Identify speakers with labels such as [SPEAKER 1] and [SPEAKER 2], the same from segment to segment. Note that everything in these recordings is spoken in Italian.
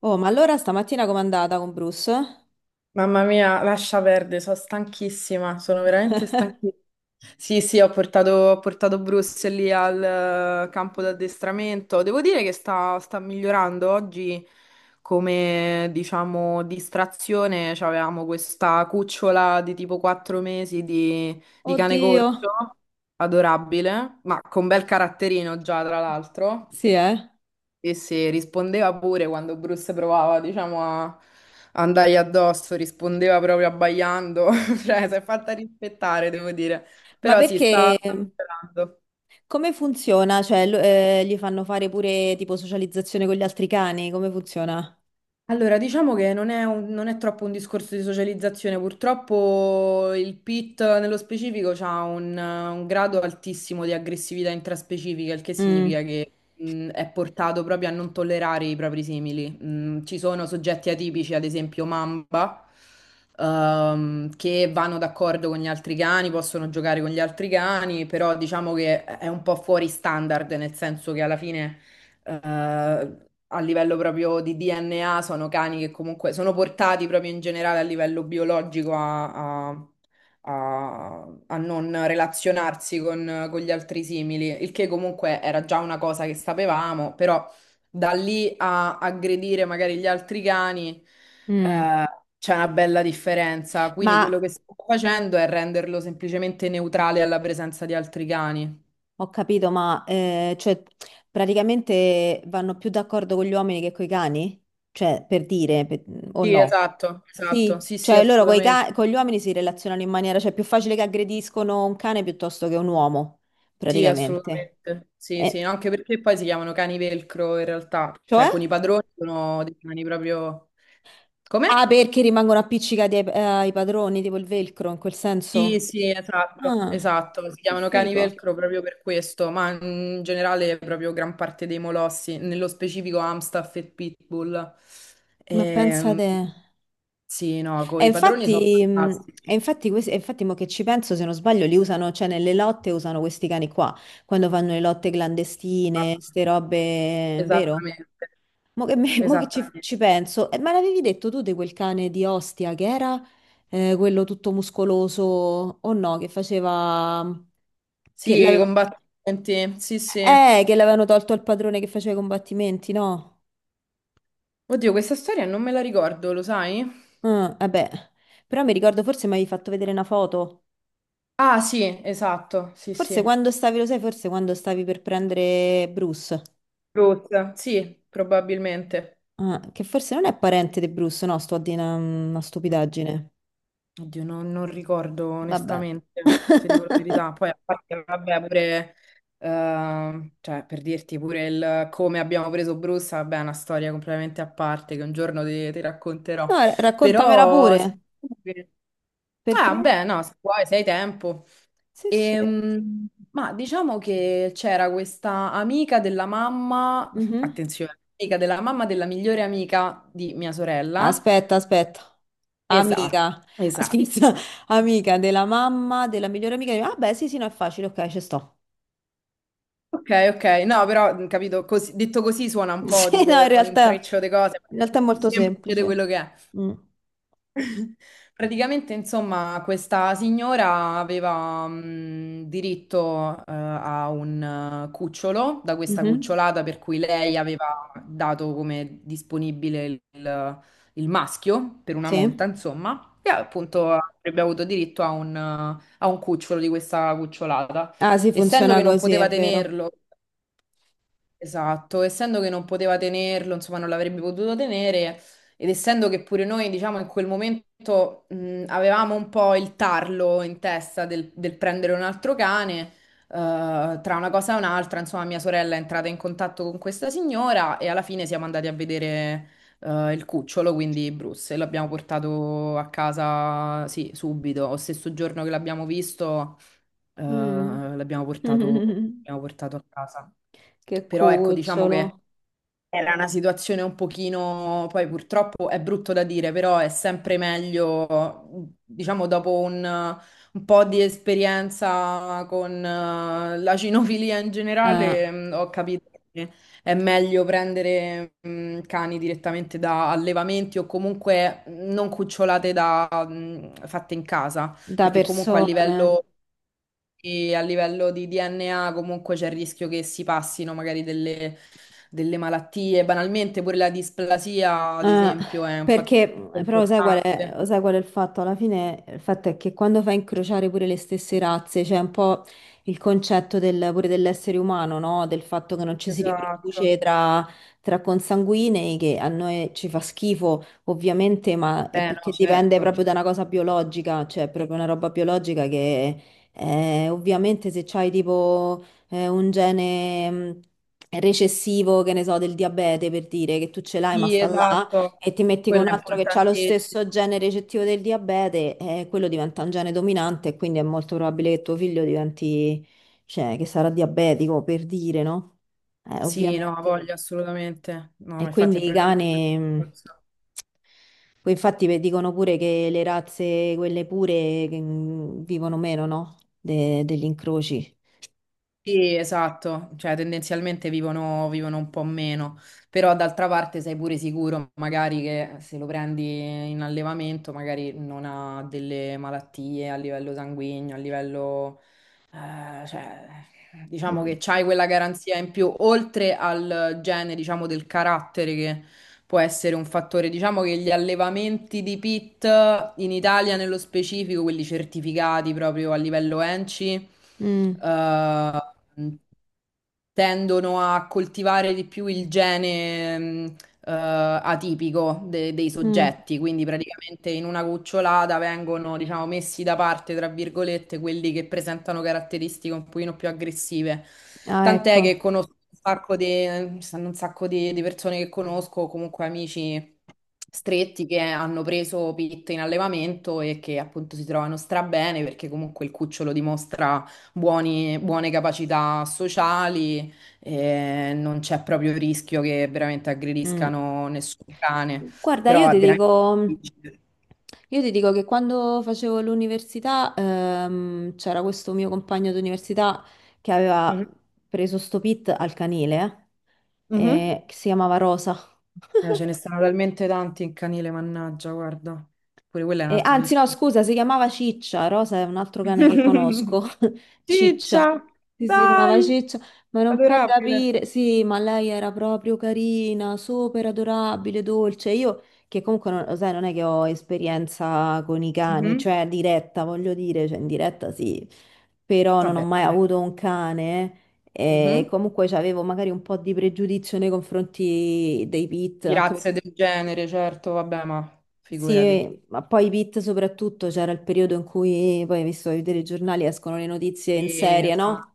[SPEAKER 1] Oh, ma allora stamattina com'è andata con Bruce?
[SPEAKER 2] Mamma mia, lascia perdere, sono stanchissima, sono veramente stanchissima. Sì, sì, ho portato Bruce lì al campo d'addestramento. Devo dire che sta migliorando oggi come, diciamo, distrazione. Avevamo questa cucciola di tipo 4 mesi di cane
[SPEAKER 1] Oddio,
[SPEAKER 2] corso, adorabile, ma con bel caratterino già, tra l'altro.
[SPEAKER 1] sì, eh.
[SPEAKER 2] E se rispondeva pure quando Bruce provava, diciamo, a andargli addosso, rispondeva proprio abbaiando, cioè si è fatta rispettare, devo dire.
[SPEAKER 1] Ma
[SPEAKER 2] Però sì, sta,
[SPEAKER 1] perché
[SPEAKER 2] sta migliorando.
[SPEAKER 1] come funziona? Cioè, gli fanno fare pure tipo socializzazione con gli altri cani? Come funziona?
[SPEAKER 2] Allora, diciamo che non è troppo un discorso di socializzazione, purtroppo il PIT nello specifico ha un grado altissimo di aggressività intraspecifica, il che
[SPEAKER 1] Mm,
[SPEAKER 2] significa che è portato proprio a non tollerare i propri simili. Ci sono soggetti atipici, ad esempio Mamba, che vanno d'accordo con gli altri cani, possono giocare con gli altri cani, però diciamo che è un po' fuori standard, nel senso che alla fine... eh, a livello proprio di DNA sono cani che comunque sono portati proprio in generale a livello biologico a non relazionarsi con gli altri simili, il che comunque era già una cosa che sapevamo, però da lì a aggredire magari gli altri cani
[SPEAKER 1] mm.
[SPEAKER 2] eh, c'è una bella differenza. Quindi quello
[SPEAKER 1] Ma
[SPEAKER 2] che sto facendo è renderlo semplicemente neutrale alla presenza di altri cani.
[SPEAKER 1] ho capito, ma cioè, praticamente vanno più d'accordo con gli uomini che con i cani? Cioè, per dire, per- o
[SPEAKER 2] Sì,
[SPEAKER 1] no?
[SPEAKER 2] esatto, esatto,
[SPEAKER 1] Sì,
[SPEAKER 2] sì, sì,
[SPEAKER 1] cioè loro
[SPEAKER 2] assolutamente.
[SPEAKER 1] con gli uomini si relazionano in maniera, cioè è più facile che aggrediscono un cane piuttosto che un uomo,
[SPEAKER 2] Sì,
[SPEAKER 1] praticamente.
[SPEAKER 2] assolutamente. Sì, sì,
[SPEAKER 1] Eh,
[SPEAKER 2] no, anche perché poi si chiamano cani velcro in realtà, cioè
[SPEAKER 1] Cioè?
[SPEAKER 2] con i padroni sono dei cani proprio...
[SPEAKER 1] Ah,
[SPEAKER 2] Come?
[SPEAKER 1] perché rimangono appiccicati ai padroni, tipo il velcro, in quel
[SPEAKER 2] Sì,
[SPEAKER 1] senso.
[SPEAKER 2] sì, esatto,
[SPEAKER 1] Ah,
[SPEAKER 2] esatto, si
[SPEAKER 1] che
[SPEAKER 2] chiamano cani
[SPEAKER 1] figo.
[SPEAKER 2] velcro proprio per questo, ma in generale proprio gran parte dei molossi, nello specifico Amstaff e Pitbull.
[SPEAKER 1] Ma
[SPEAKER 2] Ehm,
[SPEAKER 1] pensate...
[SPEAKER 2] sì, no, con
[SPEAKER 1] E
[SPEAKER 2] i padroni sono
[SPEAKER 1] infatti, e
[SPEAKER 2] fantastici.
[SPEAKER 1] infatti, e infatti mo che ci penso, se non sbaglio, li usano, cioè nelle lotte usano questi cani qua, quando fanno le lotte clandestine, ste robe, vero?
[SPEAKER 2] Esattamente,
[SPEAKER 1] Mo che ci
[SPEAKER 2] esattamente.
[SPEAKER 1] penso, ma l'avevi detto tu di quel cane di Ostia che era quello tutto muscoloso o no, che faceva... che
[SPEAKER 2] Sì, i
[SPEAKER 1] l'aveva...
[SPEAKER 2] combattimenti, sì, sì.
[SPEAKER 1] Che l'avevano tolto al padrone che faceva i combattimenti, no?
[SPEAKER 2] Oddio, questa storia non me la ricordo, lo sai?
[SPEAKER 1] Ah, vabbè. Però mi ricordo forse mi avevi fatto vedere una foto.
[SPEAKER 2] Ah, sì, esatto, sì,
[SPEAKER 1] Forse
[SPEAKER 2] sì.
[SPEAKER 1] quando stavi, lo sai, forse quando stavi per prendere Bruce.
[SPEAKER 2] Ruth, sì, probabilmente.
[SPEAKER 1] Ah, che forse non è parente di Bruce, no? Sto a dire una stupidaggine.
[SPEAKER 2] Oddio, non ricordo
[SPEAKER 1] Vabbè.
[SPEAKER 2] onestamente, se dico la verità. Poi, a parte, vabbè, pure, cioè, per dirti pure il come abbiamo preso Bruce, vabbè, è una storia completamente a parte che un giorno ti racconterò.
[SPEAKER 1] No, raccontamela
[SPEAKER 2] Però, sì,
[SPEAKER 1] pure.
[SPEAKER 2] sì.
[SPEAKER 1] Perché?
[SPEAKER 2] Ah, beh, no, se vuoi, se hai tempo.
[SPEAKER 1] Sì, sì.
[SPEAKER 2] Ma diciamo che c'era questa amica della mamma,
[SPEAKER 1] Mhm.
[SPEAKER 2] attenzione, amica della mamma della migliore amica di mia sorella.
[SPEAKER 1] Aspetta, aspetta.
[SPEAKER 2] Esatto,
[SPEAKER 1] Amica.
[SPEAKER 2] esatto.
[SPEAKER 1] Aspetta. Amica della mamma, della migliore amica. Di- Ah, beh, sì, sì, no, è facile, ok, ci sto.
[SPEAKER 2] Ok, ok, no, però capito, detto così suona un po'
[SPEAKER 1] Sì, no, in
[SPEAKER 2] tipo un
[SPEAKER 1] realtà...
[SPEAKER 2] intreccio di cose, ma
[SPEAKER 1] In
[SPEAKER 2] è
[SPEAKER 1] realtà è
[SPEAKER 2] più
[SPEAKER 1] molto
[SPEAKER 2] semplice di
[SPEAKER 1] semplice.
[SPEAKER 2] quello che è.
[SPEAKER 1] Mm.
[SPEAKER 2] Praticamente, insomma, questa signora aveva diritto a un cucciolo da questa
[SPEAKER 1] Mhm.
[SPEAKER 2] cucciolata per cui lei aveva dato come disponibile il maschio per una monta,
[SPEAKER 1] Sì?
[SPEAKER 2] insomma, e appunto avrebbe avuto diritto a a un cucciolo di questa cucciolata.
[SPEAKER 1] Ah, sì,
[SPEAKER 2] Essendo
[SPEAKER 1] funziona
[SPEAKER 2] che non
[SPEAKER 1] così, è
[SPEAKER 2] poteva
[SPEAKER 1] vero.
[SPEAKER 2] tenerlo. Esatto, essendo che non poteva tenerlo, insomma, non l'avrebbe potuto tenere, ed essendo che pure noi, diciamo, in quel momento avevamo un po' il tarlo in testa del prendere un altro cane, tra una cosa e un'altra, insomma, mia sorella è entrata in contatto con questa signora e alla fine siamo andati a vedere il cucciolo, quindi Bruce, e l'abbiamo portato a casa, sì, subito, lo stesso giorno che l'abbiamo visto,
[SPEAKER 1] Mm.
[SPEAKER 2] l'abbiamo portato a casa.
[SPEAKER 1] Che
[SPEAKER 2] Però ecco, diciamo che
[SPEAKER 1] cucciolo.
[SPEAKER 2] era una situazione un pochino, poi purtroppo è brutto da dire, però è sempre meglio, diciamo, dopo un po' di esperienza con la cinofilia in
[SPEAKER 1] Eh,
[SPEAKER 2] generale, ho capito che è meglio prendere cani direttamente da allevamenti o comunque non cucciolate da, fatte in casa,
[SPEAKER 1] da
[SPEAKER 2] perché comunque a
[SPEAKER 1] persone.
[SPEAKER 2] livello e a livello di DNA comunque c'è il rischio che si passino magari delle malattie. Banalmente pure la displasia, ad
[SPEAKER 1] Eh,
[SPEAKER 2] esempio, è un fattore
[SPEAKER 1] perché però
[SPEAKER 2] importante.
[SPEAKER 1] sai qual è il fatto? Alla fine il fatto è che quando fai incrociare pure le stesse razze, c'è un po' il concetto pure dell'essere umano, no? Del fatto che non ci si riproduce
[SPEAKER 2] Esatto.
[SPEAKER 1] tra consanguinei, che a noi ci fa schifo, ovviamente, ma è
[SPEAKER 2] Eh no,
[SPEAKER 1] perché dipende
[SPEAKER 2] certo.
[SPEAKER 1] proprio da una cosa biologica, cioè è proprio una roba biologica che ovviamente se c'hai tipo un gene recessivo, che ne so, del diabete per dire che tu ce l'hai, ma
[SPEAKER 2] Sì,
[SPEAKER 1] sta là.
[SPEAKER 2] esatto.
[SPEAKER 1] E ti metti con
[SPEAKER 2] Quello è
[SPEAKER 1] un altro che ha lo
[SPEAKER 2] importantissimo.
[SPEAKER 1] stesso gene recettivo del diabete, e quello diventa un gene dominante e quindi è molto probabile che tuo figlio diventi, cioè, che sarà diabetico, per dire, no?
[SPEAKER 2] Sì, no,
[SPEAKER 1] Ovviamente.
[SPEAKER 2] voglio assolutamente. No,
[SPEAKER 1] E
[SPEAKER 2] ma infatti è
[SPEAKER 1] quindi i
[SPEAKER 2] proprio questo
[SPEAKER 1] cani,
[SPEAKER 2] il discorso.
[SPEAKER 1] poi infatti dicono pure che le razze, quelle pure, che, vivono meno, no? Degli incroci.
[SPEAKER 2] Sì, esatto, cioè tendenzialmente vivono un po' meno, però d'altra parte sei pure sicuro magari che se lo prendi in allevamento magari non ha delle malattie a livello sanguigno, a livello, cioè, diciamo
[SPEAKER 1] Mm.
[SPEAKER 2] che c'hai quella garanzia in più, oltre al gene, diciamo, del carattere che può essere un fattore. Diciamo che gli allevamenti di pit in Italia nello specifico, quelli certificati proprio a livello ENCI,
[SPEAKER 1] Mm.
[SPEAKER 2] eh, tendono a coltivare di più il gene atipico dei
[SPEAKER 1] Mm.
[SPEAKER 2] soggetti, quindi praticamente in una cucciolata vengono, diciamo, messi da parte, tra virgolette, quelli che presentano caratteristiche un pochino più aggressive.
[SPEAKER 1] Ah,
[SPEAKER 2] Tant'è che
[SPEAKER 1] ecco.
[SPEAKER 2] conosco un sacco di, ci stanno un sacco di persone che conosco, comunque amici stretti che hanno preso Pitt in allevamento e che appunto si trovano strabene perché comunque il cucciolo dimostra buone capacità sociali, non c'è proprio il rischio che veramente
[SPEAKER 1] Mm.
[SPEAKER 2] aggrediscano nessun cane,
[SPEAKER 1] Guarda,
[SPEAKER 2] però è veramente difficile.
[SPEAKER 1] io ti dico che quando facevo l'università, c'era questo mio compagno d'università che aveva
[SPEAKER 2] Mhm.
[SPEAKER 1] preso sto pit al canile,
[SPEAKER 2] Mhm.
[SPEAKER 1] che si chiamava Rosa.
[SPEAKER 2] Ce ne stanno talmente tanti in canile, mannaggia, guarda, pure quello è un altro
[SPEAKER 1] Anzi, no,
[SPEAKER 2] discorso.
[SPEAKER 1] scusa, si chiamava Ciccia. Rosa è un altro cane che conosco. Ciccia.
[SPEAKER 2] Ciccia,
[SPEAKER 1] Sì, si chiamava
[SPEAKER 2] dai,
[SPEAKER 1] Ciccia, ma non puoi
[SPEAKER 2] adorabile.
[SPEAKER 1] capire. Sì, ma lei era proprio carina, super adorabile, dolce. Io, che comunque, non, lo sai, non è che ho esperienza con i cani,
[SPEAKER 2] Mhm.
[SPEAKER 1] cioè diretta, voglio dire, cioè in diretta sì, però non ho
[SPEAKER 2] Vabbè.
[SPEAKER 1] mai avuto un cane. E
[SPEAKER 2] Mhm.
[SPEAKER 1] comunque avevo magari un po' di pregiudizio nei confronti dei pit,
[SPEAKER 2] Di
[SPEAKER 1] anche
[SPEAKER 2] razze
[SPEAKER 1] perché
[SPEAKER 2] del genere, certo, vabbè, ma figurati.
[SPEAKER 1] sì, ma poi i beat soprattutto c'era il periodo in cui, poi hai visto i telegiornali, escono le notizie in
[SPEAKER 2] Sì,
[SPEAKER 1] serie, no?
[SPEAKER 2] esatto.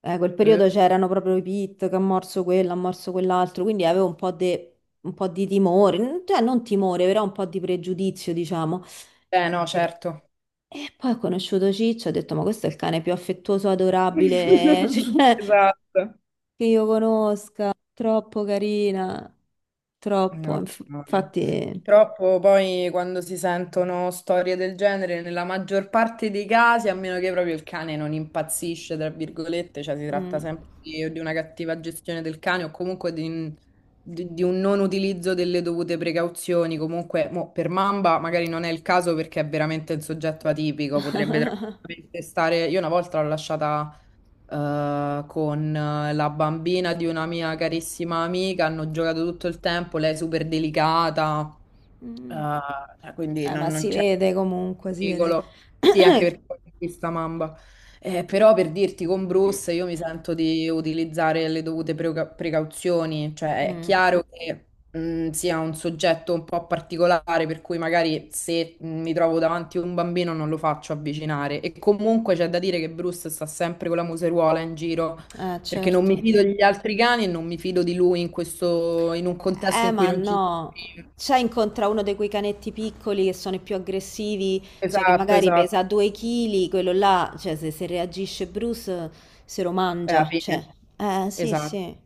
[SPEAKER 1] Quel
[SPEAKER 2] Eh,
[SPEAKER 1] periodo c'erano proprio i beat che ha morso quello, ha morso quell'altro, quindi avevo un po' di timore, cioè non timore, però un po' di pregiudizio, diciamo.
[SPEAKER 2] no,
[SPEAKER 1] E,
[SPEAKER 2] certo.
[SPEAKER 1] e poi ho conosciuto Ciccio, ho detto, ma questo è il cane più affettuoso, adorabile, cioè,
[SPEAKER 2] Esatto.
[SPEAKER 1] che io conosca, troppo carina, troppo,
[SPEAKER 2] No, no, no.
[SPEAKER 1] infatti...
[SPEAKER 2] Purtroppo poi quando si sentono storie del genere, nella maggior parte dei casi, a meno che proprio il cane non impazzisce, tra virgolette, cioè si tratta
[SPEAKER 1] mm.
[SPEAKER 2] sempre di, o di una cattiva gestione del cane o comunque un di un non utilizzo delle dovute precauzioni. Comunque, mo, per Mamba magari non è il caso perché è veramente un soggetto atipico, potrebbe tranquillamente stare... Io una volta l'ho lasciata con la bambina di una mia carissima amica, hanno giocato tutto il tempo, lei è super delicata, eh,
[SPEAKER 1] Mm.
[SPEAKER 2] cioè, quindi
[SPEAKER 1] Ma
[SPEAKER 2] non
[SPEAKER 1] si
[SPEAKER 2] c'è
[SPEAKER 1] vede comunque, si vede.
[SPEAKER 2] pericolo. Sì, anche perché poi è questa mamba. Però per dirti con Bruce io mi sento di utilizzare le dovute precauzioni, cioè è
[SPEAKER 1] Mm.
[SPEAKER 2] chiaro che sia un soggetto un po' particolare, per cui magari se mi trovo davanti a un bambino non lo faccio avvicinare. E comunque c'è da dire che Bruce sta sempre con la museruola in giro, perché non mi
[SPEAKER 1] Certo.
[SPEAKER 2] fido degli altri cani e non mi fido di lui in questo, in un contesto in cui
[SPEAKER 1] Ma
[SPEAKER 2] non ci sono.
[SPEAKER 1] no. Cioè, incontra uno di quei canetti piccoli che sono i più aggressivi, cioè che
[SPEAKER 2] Esatto,
[SPEAKER 1] magari pesa
[SPEAKER 2] esatto.
[SPEAKER 1] 2 kg, quello là, cioè se reagisce Bruce se lo
[SPEAKER 2] È la
[SPEAKER 1] mangia, cioè.
[SPEAKER 2] fine.
[SPEAKER 1] Sì,
[SPEAKER 2] Esatto.
[SPEAKER 1] sì.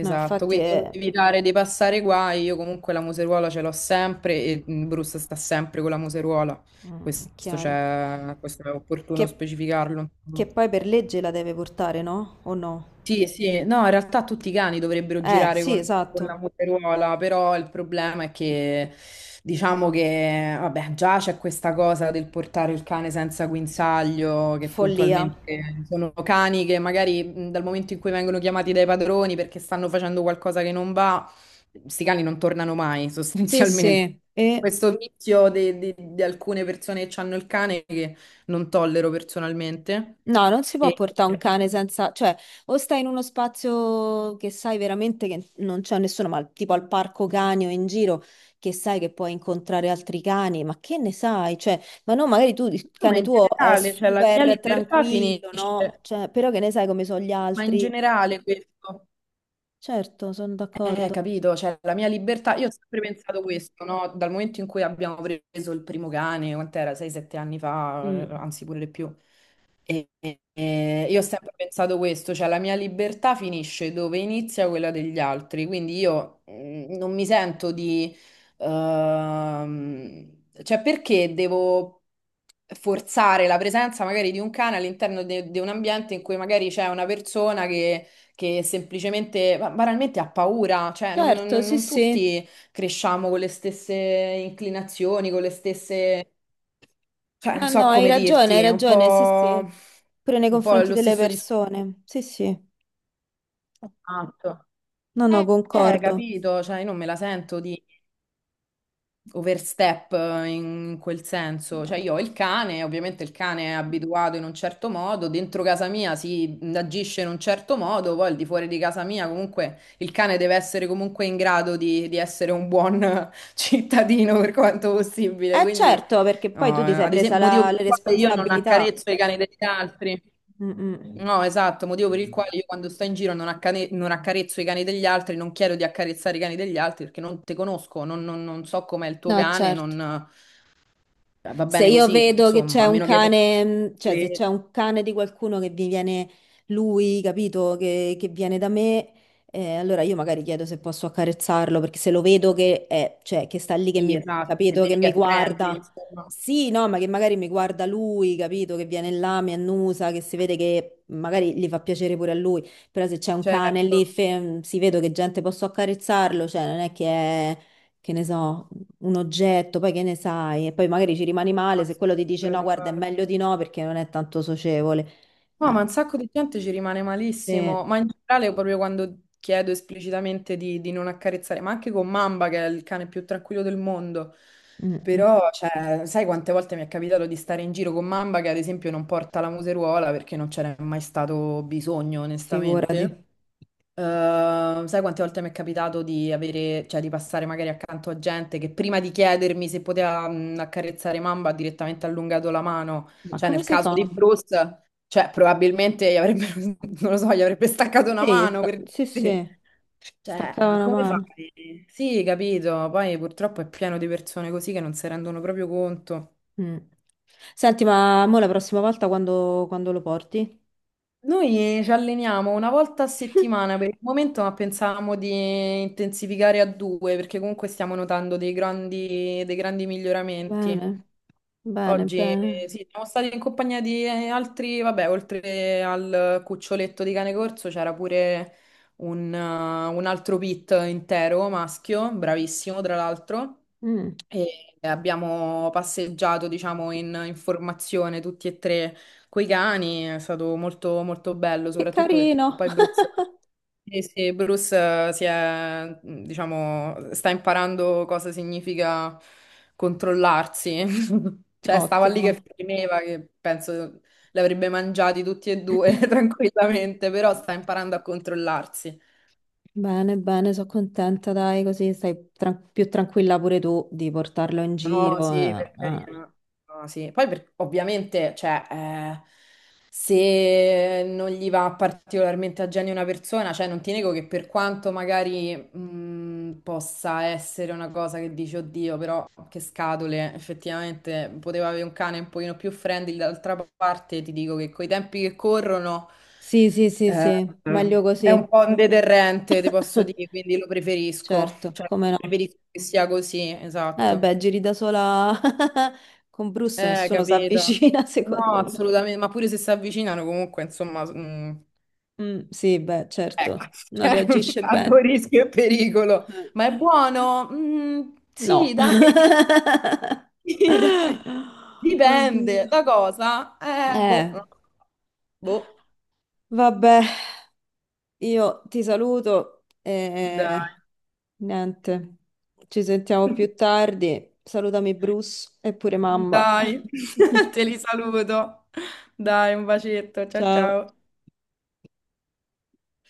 [SPEAKER 1] No, infatti
[SPEAKER 2] quindi per
[SPEAKER 1] è
[SPEAKER 2] evitare di passare guai, io comunque la museruola ce l'ho sempre e Bruce sta sempre con la museruola,
[SPEAKER 1] mm,
[SPEAKER 2] questo,
[SPEAKER 1] chiaro.
[SPEAKER 2] c'è, questo è opportuno
[SPEAKER 1] Che,
[SPEAKER 2] specificarlo.
[SPEAKER 1] che poi per legge la deve portare, no? O no?
[SPEAKER 2] Sì, sì, no, in realtà tutti i cani dovrebbero girare
[SPEAKER 1] Sì,
[SPEAKER 2] con la
[SPEAKER 1] esatto.
[SPEAKER 2] muteruola, però il problema è che diciamo che, vabbè, già c'è questa cosa del portare il cane senza guinzaglio, che
[SPEAKER 1] Follia.
[SPEAKER 2] puntualmente sono cani che magari dal momento in cui vengono chiamati dai padroni perché stanno facendo qualcosa che non va, questi cani non tornano mai,
[SPEAKER 1] Sì,
[SPEAKER 2] sostanzialmente.
[SPEAKER 1] sì, e
[SPEAKER 2] Questo vizio di, di alcune persone che hanno il cane che non tollero personalmente.
[SPEAKER 1] no, non si può
[SPEAKER 2] E-
[SPEAKER 1] portare un cane senza, cioè, o stai in uno spazio che sai veramente che non c'è nessuno, ma tipo al parco cani o in giro, che sai che puoi incontrare altri cani, ma che ne sai? Cioè, ma no, magari tu, il
[SPEAKER 2] No, ma
[SPEAKER 1] cane
[SPEAKER 2] in
[SPEAKER 1] tuo è
[SPEAKER 2] generale, cioè la mia
[SPEAKER 1] super
[SPEAKER 2] libertà
[SPEAKER 1] tranquillo, no?
[SPEAKER 2] finisce,
[SPEAKER 1] Cioè, però che ne sai come sono gli
[SPEAKER 2] ma in
[SPEAKER 1] altri?
[SPEAKER 2] generale questo.
[SPEAKER 1] Certo, sono d'accordo.
[SPEAKER 2] Capito, cioè la mia libertà, io ho sempre pensato questo, no? Dal momento in cui abbiamo preso il primo cane, quant'era? 6-7 anni fa,
[SPEAKER 1] Mm.
[SPEAKER 2] anzi pure di più. Io ho sempre pensato questo, cioè la mia libertà finisce dove inizia quella degli altri, quindi io non mi sento di... cioè perché devo forzare la presenza magari di un cane all'interno di un ambiente in cui magari c'è una persona che semplicemente, banalmente ha paura, cioè
[SPEAKER 1] Certo, sì,
[SPEAKER 2] non
[SPEAKER 1] sì.
[SPEAKER 2] tutti cresciamo con le stesse inclinazioni, con le stesse, cioè
[SPEAKER 1] No,
[SPEAKER 2] non
[SPEAKER 1] no,
[SPEAKER 2] so come dirti,
[SPEAKER 1] hai
[SPEAKER 2] è
[SPEAKER 1] ragione, sì, sì. Pure nei
[SPEAKER 2] un po'
[SPEAKER 1] confronti
[SPEAKER 2] lo
[SPEAKER 1] delle
[SPEAKER 2] stesso discorso
[SPEAKER 1] persone, sì, sì.
[SPEAKER 2] che ho fatto.
[SPEAKER 1] No, no, concordo.
[SPEAKER 2] Capito, cioè io non me la sento di overstep in quel senso.
[SPEAKER 1] No,
[SPEAKER 2] Cioè,
[SPEAKER 1] no.
[SPEAKER 2] io ho il cane, ovviamente il cane è abituato in un certo modo, dentro casa mia si agisce in un certo modo, poi al di fuori di casa mia comunque il cane deve essere comunque in grado di essere un buon cittadino per quanto possibile.
[SPEAKER 1] Eh
[SPEAKER 2] Quindi,
[SPEAKER 1] certo, perché poi tu ti
[SPEAKER 2] no,
[SPEAKER 1] sei
[SPEAKER 2] ad
[SPEAKER 1] presa
[SPEAKER 2] esempio, motivo per
[SPEAKER 1] le
[SPEAKER 2] il quale io non
[SPEAKER 1] responsabilità.
[SPEAKER 2] accarezzo i cani degli altri.
[SPEAKER 1] Mm, mm.
[SPEAKER 2] No, esatto, motivo per il quale io quando sto in giro non accarezzo i cani degli altri, non chiedo di accarezzare i cani degli altri perché non te conosco, non so com'è il tuo
[SPEAKER 1] No,
[SPEAKER 2] cane,
[SPEAKER 1] certo.
[SPEAKER 2] non... va
[SPEAKER 1] Se
[SPEAKER 2] bene
[SPEAKER 1] io
[SPEAKER 2] così,
[SPEAKER 1] vedo che
[SPEAKER 2] insomma,
[SPEAKER 1] c'è
[SPEAKER 2] a
[SPEAKER 1] un
[SPEAKER 2] meno che...
[SPEAKER 1] cane, cioè se c'è un cane di qualcuno che vi viene lui, capito, che viene da me, allora io magari chiedo se posso accarezzarlo, perché se lo vedo che, è, cioè, che sta lì, che
[SPEAKER 2] Sì,
[SPEAKER 1] mi,
[SPEAKER 2] esatto, se
[SPEAKER 1] capito, che
[SPEAKER 2] vedi che
[SPEAKER 1] mi
[SPEAKER 2] è friendly,
[SPEAKER 1] guarda,
[SPEAKER 2] insomma.
[SPEAKER 1] sì, no, ma che magari mi guarda lui, capito, che viene là, mi annusa, che si vede che magari gli fa piacere pure a lui, però se c'è un cane
[SPEAKER 2] Certo,
[SPEAKER 1] lì, si vedo che gente posso accarezzarlo, cioè non è che è, che ne so un oggetto, poi che ne sai, e poi magari ci rimani
[SPEAKER 2] no,
[SPEAKER 1] male
[SPEAKER 2] ma
[SPEAKER 1] se quello ti dice no,
[SPEAKER 2] figurati,
[SPEAKER 1] guarda, è
[SPEAKER 2] guarda.
[SPEAKER 1] meglio di no perché non è tanto socievole.
[SPEAKER 2] No,
[SPEAKER 1] Eh,
[SPEAKER 2] ma un sacco di gente ci rimane
[SPEAKER 1] sì,
[SPEAKER 2] malissimo, ma in generale proprio quando chiedo esplicitamente di non accarezzare, ma anche con Mamba che è il cane più tranquillo del mondo,
[SPEAKER 1] mm, mm,
[SPEAKER 2] però cioè, sai quante volte mi è capitato di stare in giro con Mamba che ad esempio non porta la museruola perché non c'era mai stato bisogno,
[SPEAKER 1] figurati.
[SPEAKER 2] onestamente? Sai quante volte mi è capitato di avere, cioè di passare magari accanto a gente che prima di chiedermi se poteva accarezzare Mamba ha direttamente allungato la mano,
[SPEAKER 1] Ma
[SPEAKER 2] cioè
[SPEAKER 1] come
[SPEAKER 2] nel
[SPEAKER 1] si
[SPEAKER 2] caso
[SPEAKER 1] fa?
[SPEAKER 2] di Bruce, cioè probabilmente gli avrebbe, non lo so, gli avrebbe staccato una
[SPEAKER 1] Sì,
[SPEAKER 2] mano per
[SPEAKER 1] sì,
[SPEAKER 2] dire.
[SPEAKER 1] sì,
[SPEAKER 2] Cioè,
[SPEAKER 1] staccava
[SPEAKER 2] ma
[SPEAKER 1] una
[SPEAKER 2] come
[SPEAKER 1] mano.
[SPEAKER 2] fai? Sì, capito, poi purtroppo è pieno di persone così che non si rendono proprio conto.
[SPEAKER 1] Mm. Senti, ma mo la prossima volta quando, quando lo porti?
[SPEAKER 2] Noi ci alleniamo una volta a settimana per il momento, ma pensavamo di intensificare a due perché comunque stiamo notando dei grandi miglioramenti.
[SPEAKER 1] Bene, bene,
[SPEAKER 2] Oggi
[SPEAKER 1] bene.
[SPEAKER 2] sì, siamo stati in compagnia di altri, vabbè, oltre al cuccioletto di cane corso c'era pure un altro pit intero maschio, bravissimo tra l'altro.
[SPEAKER 1] Mm,
[SPEAKER 2] E abbiamo passeggiato, diciamo, in formazione tutti e tre coi cani. È stato molto, molto bello,
[SPEAKER 1] che
[SPEAKER 2] soprattutto perché
[SPEAKER 1] carino.
[SPEAKER 2] poi Bruce, eh sì, Bruce, diciamo, sta imparando cosa significa controllarsi. Cioè, stava lì
[SPEAKER 1] Ottimo.
[SPEAKER 2] che fremeva, che penso li avrebbe mangiati tutti e due tranquillamente, però sta imparando a controllarsi.
[SPEAKER 1] Bene, bene, sono contenta, dai, così stai più tranquilla pure tu di portarlo in
[SPEAKER 2] No,
[SPEAKER 1] giro.
[SPEAKER 2] sì, per
[SPEAKER 1] Ah.
[SPEAKER 2] carità. No, sì. Ovviamente, cioè, se non gli va particolarmente a genio una persona, cioè non ti nego che per quanto magari possa essere una cosa che dici, oddio, però che scatole, effettivamente poteva avere un cane un pochino più friendly, d'altra parte ti dico che coi tempi che corrono
[SPEAKER 1] Sì, sì, sì,
[SPEAKER 2] eh,
[SPEAKER 1] sì, meglio
[SPEAKER 2] è un
[SPEAKER 1] così.
[SPEAKER 2] po' un deterrente, ti posso dire, quindi lo preferisco.
[SPEAKER 1] Certo,
[SPEAKER 2] Cioè,
[SPEAKER 1] come no.
[SPEAKER 2] preferisco che sia così,
[SPEAKER 1] Eh
[SPEAKER 2] esatto.
[SPEAKER 1] beh, giri da sola con Bruce, nessuno si
[SPEAKER 2] Capito.
[SPEAKER 1] avvicina,
[SPEAKER 2] No,
[SPEAKER 1] secondo me.
[SPEAKER 2] assolutamente, ma pure se si avvicinano comunque, insomma,
[SPEAKER 1] Mm, sì, beh,
[SPEAKER 2] ecco,
[SPEAKER 1] certo, non
[SPEAKER 2] cioè,
[SPEAKER 1] reagisce
[SPEAKER 2] a tuo
[SPEAKER 1] bene.
[SPEAKER 2] rischio e pericolo. Ma è
[SPEAKER 1] Eh,
[SPEAKER 2] buono? Mm,
[SPEAKER 1] No.
[SPEAKER 2] sì, dai, sì, dai. Dipende
[SPEAKER 1] Oddio.
[SPEAKER 2] da cosa? Boh,
[SPEAKER 1] Eh,
[SPEAKER 2] non lo so. Boh,
[SPEAKER 1] vabbè, io ti saluto.
[SPEAKER 2] dai,
[SPEAKER 1] Niente, ci sentiamo più tardi. Salutami Bruce e pure mamma.
[SPEAKER 2] dai, te li saluto. Dai, un bacetto, ciao
[SPEAKER 1] Ciao.
[SPEAKER 2] ciao.